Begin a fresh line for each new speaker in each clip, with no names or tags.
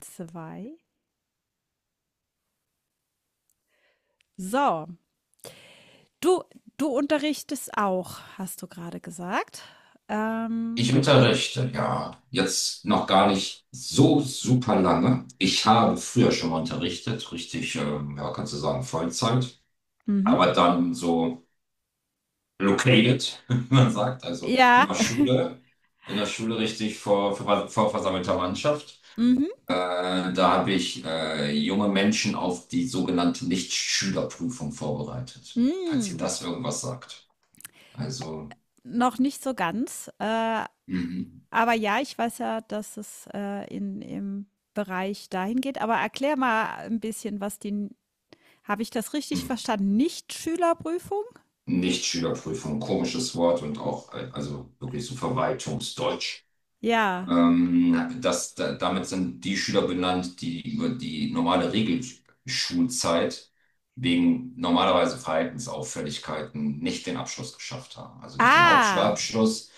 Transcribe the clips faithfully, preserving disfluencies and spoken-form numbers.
Zwei. So, du, du unterrichtest auch, hast du gerade gesagt. Ähm,
Ich unterrichte, ja, jetzt noch gar nicht so super lange. Ich habe früher schon mal unterrichtet, richtig, ähm, ja, kannst du sagen, Vollzeit,
mhm.
aber dann so located, wie man sagt, also in
Ja,
der Schule, in der Schule richtig vor, vor, vor versammelter Mannschaft.
mhm.
Äh, da habe ich äh, junge Menschen auf die sogenannte Nichtschülerprüfung vorbereitet, falls ihr
Mm.
das irgendwas sagt. Also,
Noch nicht so ganz. Äh,
mhm.
aber ja, ich weiß ja, dass es äh, in, im Bereich dahin geht. Aber erklär mal ein bisschen, was die, habe ich das richtig
Mhm.
verstanden? Nicht-Schülerprüfung?
Nicht Schülerprüfung, komisches Wort und auch, äh, also wirklich so Verwaltungsdeutsch.
Ja.
Ähm, das, da, damit sind die Schüler benannt, die über die normale Regelschulzeit wegen normalerweise Verhaltensauffälligkeiten nicht den Abschluss geschafft haben. Also nicht den
Ah,
Hauptschulabschluss.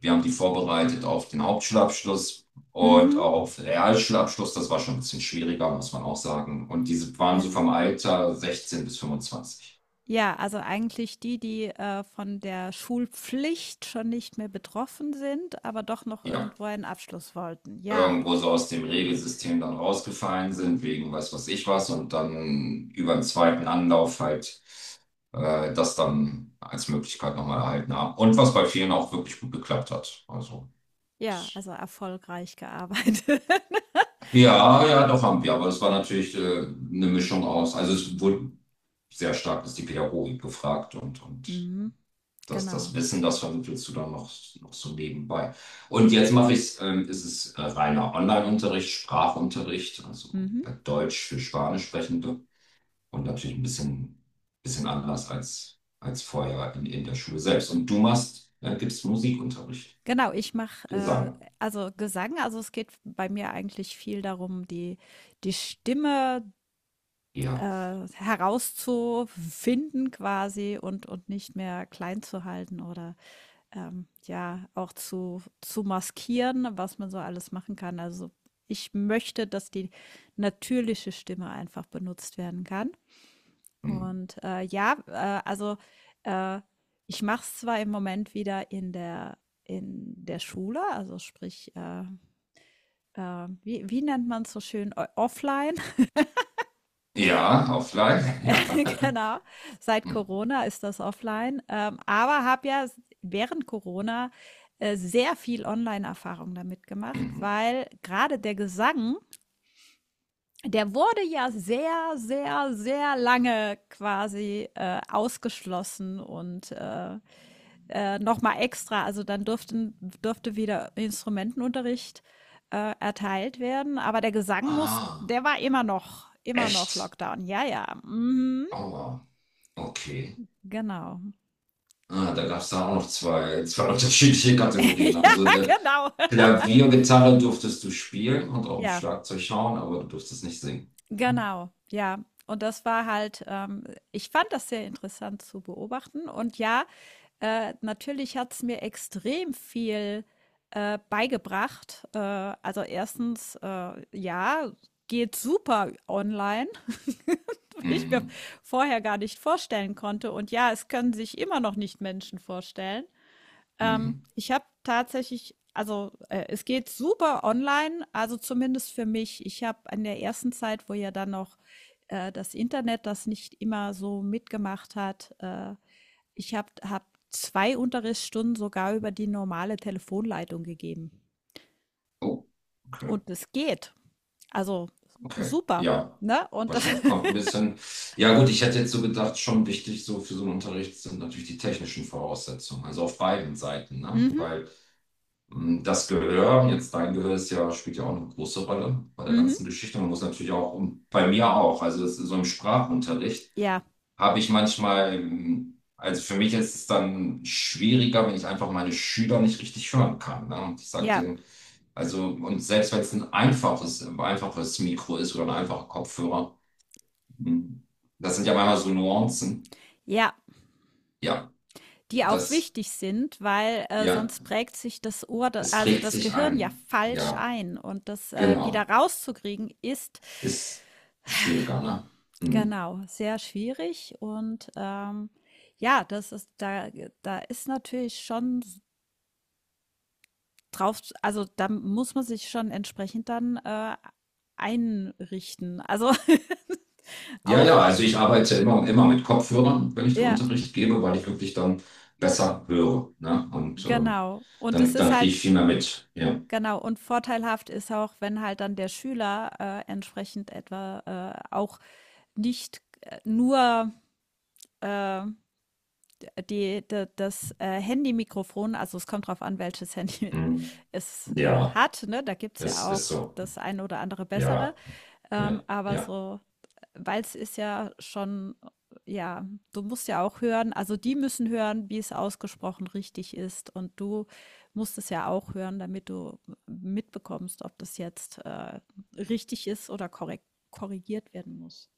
Wir haben die vorbereitet auf den Hauptschulabschluss und
mhm.
auf Realschulabschluss. Das war schon ein bisschen schwieriger, muss man auch sagen. Und diese waren so
Ja.
vom Alter sechzehn bis fünfundzwanzig.
Ja, also eigentlich die, die äh, von der Schulpflicht schon nicht mehr betroffen sind, aber doch noch
Ja,
irgendwo einen Abschluss wollten. Ja,
irgendwo so aus dem Regelsystem dann rausgefallen sind, wegen weiß was ich was, und dann über den zweiten Anlauf halt äh, das dann als Möglichkeit nochmal erhalten haben. Und was bei vielen auch wirklich gut geklappt hat. Also,
ja, also erfolgreich gearbeitet.
ja, ja, doch haben wir, aber es war natürlich äh, eine Mischung aus, also es wurde sehr stark ist die Pädagogik gefragt und, und
Mhm,
das, das
genau.
Wissen, das vermittelst du dann noch, noch so nebenbei. Und jetzt mache ich ähm, ist es äh, reiner Online-Unterricht, Sprachunterricht, also
Mhm.
äh, Deutsch für Spanischsprechende und natürlich ein bisschen, bisschen anders als, als vorher in, in der Schule selbst. Und du machst, äh, gibst Musikunterricht,
Genau, ich mache
Gesang.
äh, also Gesang, also es geht bei mir eigentlich viel darum, die, die Stimme
Ja.
äh, herauszufinden quasi und, und nicht mehr klein zu halten oder ähm, ja, auch zu, zu maskieren, was man so alles machen kann. Also ich möchte, dass die natürliche Stimme einfach benutzt werden kann.
Hm.
Und äh, ja, äh, also äh, ich mache es zwar im Moment wieder in der, in der Schule, also sprich, äh, äh, wie, wie nennt man es so schön, O- offline.
Ja, offline, ja.
Genau, seit
Hm,
Corona ist das offline, ähm, aber habe ja s- während Corona äh, sehr viel Online-Erfahrung damit gemacht,
mhm.
weil gerade der Gesang, der wurde ja sehr, sehr, sehr lange quasi äh, ausgeschlossen und äh, äh, nochmal extra, also dann durften, durfte wieder Instrumentenunterricht äh, erteilt werden, aber der Gesang muss,
Ah,
der war immer noch, immer noch
echt?
Lockdown. Ja, ja, mhm,
Aua, okay.
genau.
Ah, da gab es da auch noch zwei, zwei unterschiedliche Kategorien. Also
Ja,
der,
genau.
Klavier, Gitarre durftest du spielen und auch im
Ja,
Schlagzeug schauen, aber du durftest nicht singen.
genau. Ja. Und das war halt, ähm ich fand das sehr interessant zu beobachten. Und ja, äh, natürlich hat's mir extrem viel äh, beigebracht. Äh, also, erstens, äh, ja, geht super online, was ich mir
Mhm.
vorher gar nicht vorstellen konnte. Und ja, es können sich immer noch nicht Menschen vorstellen. Ähm,
Mhm.
ich habe tatsächlich, also äh, es geht super online, also zumindest für mich. Ich habe in der ersten Zeit, wo ja dann noch äh, das Internet das nicht immer so mitgemacht hat, äh, ich habe hab zwei Unterrichtsstunden sogar über die normale Telefonleitung gegeben.
Oh, okay,
Und es geht. Also
okay.
super,
Ja,
ne? Und das,
wahrscheinlich kommt ein bisschen. Ja, gut, ich hätte jetzt so gedacht, schon wichtig so für so einen Unterricht sind natürlich die technischen Voraussetzungen, also auf beiden Seiten, ne?
mhm,
Weil mh, das Gehör, jetzt dein Gehör ist ja, spielt ja auch eine große Rolle bei der
mhm,
ganzen Geschichte. Man muss natürlich auch, und bei mir auch, also das ist so im Sprachunterricht.
ja,
Habe ich manchmal, ähm, also für mich ist es dann schwieriger, wenn ich einfach meine Schüler nicht richtig hören kann. Ne? Und ich sage
ja,
denen, also, und selbst wenn es ein einfaches, ein einfaches Mikro ist oder ein einfacher Kopfhörer, mh, das sind ja manchmal so Nuancen.
ja.
Ja,
Die auch
das,
wichtig sind, weil äh,
ja,
sonst prägt sich das Ohr, da
es
also
prägt
das
sich
Gehirn, ja
ein.
falsch
Ja,
ein und das äh, wieder
genau.
rauszukriegen ist
Ist schwieriger, ne? Mhm.
genau, sehr schwierig und, ähm, ja, das ist da, da ist natürlich schon drauf, also da muss man sich schon entsprechend dann äh, einrichten. Also,
Ja,
auch
ja, also ich arbeite ja immer, immer mit Kopfhörern, wenn ich den
ja,
Unterricht gebe, weil ich wirklich dann besser höre, ne? Und ähm,
genau. Und es
dann,
ist
dann kriege ich
halt
viel mehr mit. Ja,
genau, und vorteilhaft ist auch, wenn halt dann der Schüler äh, entsprechend etwa äh, auch nicht äh, nur äh, die d das, äh, Handy-Mikrofon, also es kommt drauf an, welches Handy
hm,
es äh,
ja,
hat, ne? Da gibt's
es
ja
ist
auch
so.
das ein oder andere bessere.
Ja, ja,
Ähm, aber
ja.
so, weil es ist ja schon, ja, du musst ja auch hören, also die müssen hören, wie es ausgesprochen richtig ist. Und du musst es ja auch hören, damit du mitbekommst, ob das jetzt äh, richtig ist oder korrekt, korrigiert werden muss.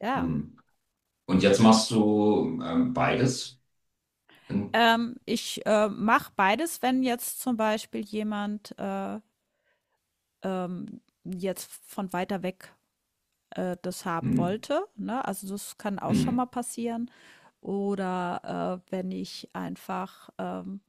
Ja.
Hm. Und jetzt machst du ähm, beides? Hm.
Ähm, ich äh, mache beides, wenn jetzt zum Beispiel jemand äh, ähm, jetzt von weiter weg äh, das haben
Hm.
wollte. Ne? Also das kann auch schon
Hm.
mal passieren. Oder äh, wenn ich einfach, ähm,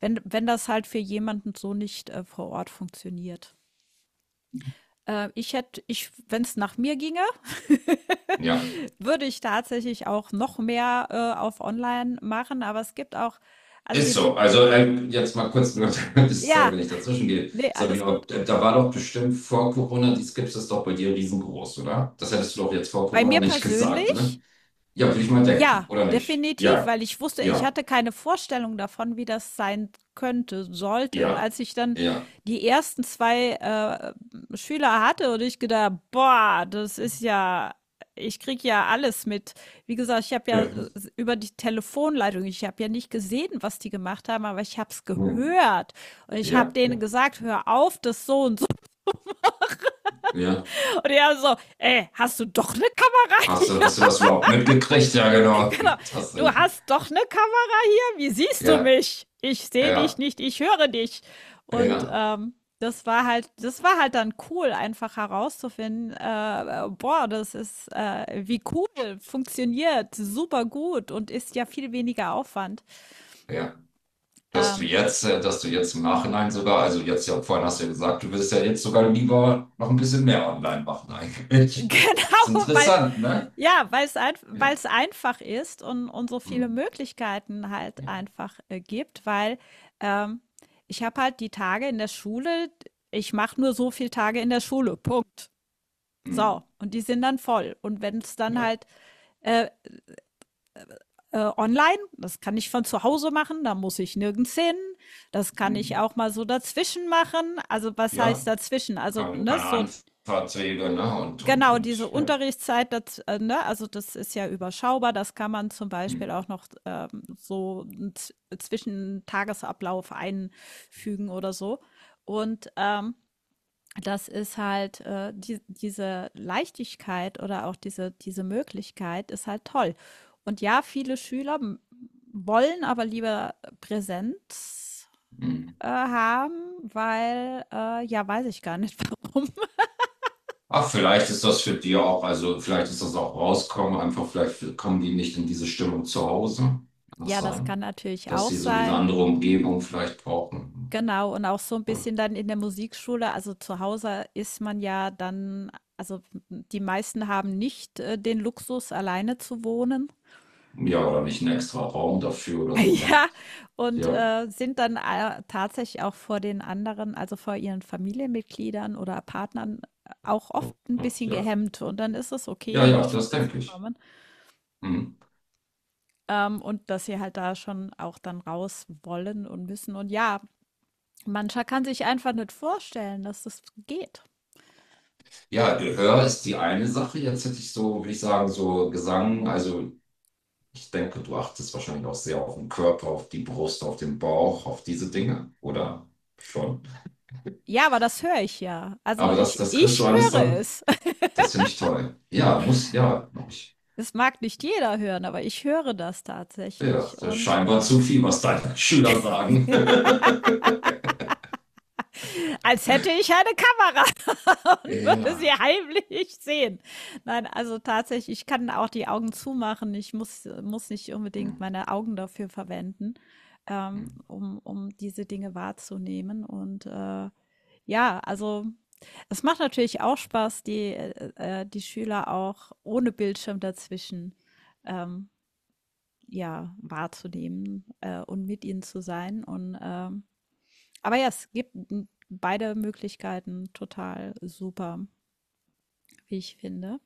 wenn, wenn das halt für jemanden so nicht äh, vor Ort funktioniert. Äh, ich hätte, ich, wenn es nach mir ginge,
Ja,
würde ich tatsächlich auch noch mehr äh, auf Online machen. Aber es gibt auch, also
ist
dem,
so. Also ähm, jetzt mal kurz, sorry, wenn
ja,
ich dazwischen gehe.
nee, alles
Sabine,
gut.
da war doch bestimmt vor Corona, die Skips ist doch bei dir riesengroß, oder? Das hättest du doch jetzt vor
Bei
Corona
mir
nicht gesagt.
persönlich,
Ja, würde ich mal denken,
ja,
oder nicht?
definitiv,
Ja,
weil ich wusste, ich
ja,
hatte keine Vorstellung davon, wie das sein könnte, sollte. Und
ja,
als ich dann
ja,
die ersten zwei äh, Schüler hatte und ich gedacht: „Boah, das ist ja, ich krieg ja alles mit." Wie gesagt, ich habe ja
ja,
äh, über die Telefonleitung, ich habe ja nicht gesehen, was die gemacht haben, aber ich habe es gehört. Und ich habe
ja,
denen
ja,
gesagt: „Hör auf, das so und so."
ja.
Und die alle so: „Ey, hast du doch 'ne Kamera
Hast du,
hier?"
hast du das überhaupt mitgekriegt? Ja, genau.
Genau.
Das,
Du
denn-
hast doch eine Kamera hier. Wie siehst du
ja,
mich? Ich sehe dich
ja,
nicht, ich höre dich. Und
ja,
ähm, das war halt, das war halt dann cool, einfach herauszufinden, äh, boah, das ist äh, wie cool, funktioniert super gut und ist ja viel weniger Aufwand.
ja. Dass du
Ähm,
jetzt, äh, dass du jetzt im Nachhinein sogar, also jetzt ja, vorhin hast du ja gesagt, du würdest ja jetzt sogar lieber noch ein bisschen mehr online machen eigentlich. Ist
genau, weil
interessant, ne?
ja, weil weil's weil
Ja,
es einfach ist und und so
hm,
viele Möglichkeiten halt
ja,
einfach äh, gibt, weil, ähm, ich habe halt die Tage in der Schule. Ich mache nur so viel Tage in der Schule, Punkt. So,
hm,
und die sind dann voll. Und wenn es dann
ja,
halt äh, online, das kann ich von zu Hause machen, da muss ich nirgends hin. Das kann ich
hm,
auch mal so dazwischen machen. Also, was heißt
ja.
dazwischen? Also,
Keine,
ne,
keine
so
Anfahrtswege, ne? Und, und,
genau, diese
und, ja.
Unterrichtszeit, das äh, ne, also das ist ja überschaubar. Das kann man zum
Hm.
Beispiel auch noch ähm, so z- zwischen Tagesablauf einfügen oder so. Und ähm, das ist halt äh, die, diese Leichtigkeit oder auch diese, diese Möglichkeit ist halt toll. Und ja, viele Schüler m- wollen aber lieber Präsenz
Hm.
äh, haben, weil äh, ja, weiß ich gar nicht, warum.
Ach, vielleicht ist das für die auch, also vielleicht ist das auch rauskommen, einfach vielleicht kommen die nicht in diese Stimmung zu Hause. Kann das
Ja, das kann
sein?
natürlich
Dass
auch
sie so diese
sein.
andere Umgebung vielleicht brauchen.
Genau, und auch so ein
Oder,
bisschen dann in der Musikschule, also zu Hause ist man ja dann, also die meisten haben nicht äh, den Luxus, alleine zu wohnen.
ja, oder nicht einen extra Raum dafür oder so, ne?
Ja, und
Ja,
äh, sind dann äh, tatsächlich auch vor den anderen, also vor ihren Familienmitgliedern oder Partnern äh, auch oft ein
ja,
bisschen
ja,
gehemmt. Und dann ist es okay,
ja,
in die
ja, das
Schule zu
denke ich.
kommen,
Hm.
ähm, und dass sie halt da schon auch dann raus wollen und müssen. Und ja, mancher kann sich einfach nicht vorstellen, dass das geht.
Ja, Gehör ist die eine Sache. Jetzt hätte ich so, würde ich sagen, so Gesang. Also ich denke, du achtest wahrscheinlich auch sehr auf den Körper, auf die Brust, auf den Bauch, auf diese Dinge, oder schon?
Ja, aber das höre ich ja. Also,
Aber das,
ich
das kriegst
ich
du alles
höre
dann.
es.
Das finde ich toll. Ja, muss, ja, hab ich.
Es mag nicht jeder hören, aber ich höre das
Ja,
tatsächlich
das ist
und
scheinbar
äh,
zu viel, was deine Schüler sagen.
als hätte ich eine Kamera und würde sie
Ja.
heimlich sehen. Nein, also tatsächlich, ich kann auch die Augen zumachen. Ich muss muss nicht
Hm,
unbedingt meine Augen dafür verwenden,
hm.
ähm, um um diese Dinge wahrzunehmen und äh, ja, also es macht natürlich auch Spaß, die, äh, äh die Schüler auch ohne Bildschirm dazwischen ähm, ja wahrzunehmen äh, und mit ihnen zu sein. Und ähm, aber ja, es gibt beide Möglichkeiten total super, wie ich finde.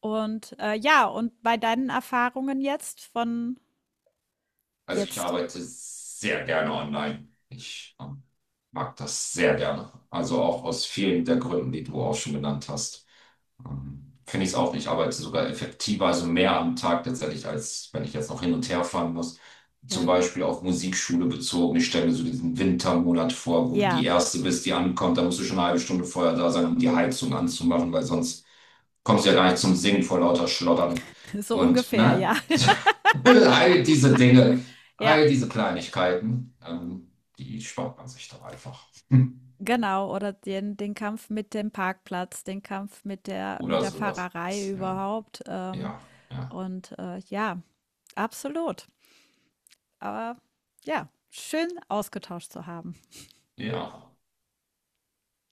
Und äh, ja, und bei deinen Erfahrungen jetzt von
Also ich
jetzt,
arbeite sehr gerne online. Ich ähm, mag das sehr gerne. Also auch aus vielen der Gründen, die du auch schon genannt hast. Ähm, Finde ich es auch. Ich arbeite sogar effektiver, also mehr am Tag tatsächlich, als wenn ich jetzt noch hin und her fahren muss. Zum
ja,
Beispiel auf Musikschule bezogen. Ich stelle mir so diesen Wintermonat vor, wo du die
ja,
Erste bist, die ankommt. Da musst du schon eine halbe Stunde vorher da sein, um die Heizung anzumachen, weil sonst kommst du ja gar nicht zum Singen vor lauter Schlottern.
so
Und,
ungefähr,
ne?
ja,
All diese Dinge,
ja,
all diese Kleinigkeiten, ähm, die spart man sich doch einfach.
genau. Oder den, den Kampf mit dem Parkplatz, den Kampf mit der, mit
Oder
der
sowas.
Fahrerei
Ja,
überhaupt. Ähm,
ja, ja,
und äh, ja, absolut. Aber ja, schön ausgetauscht zu haben.
ja.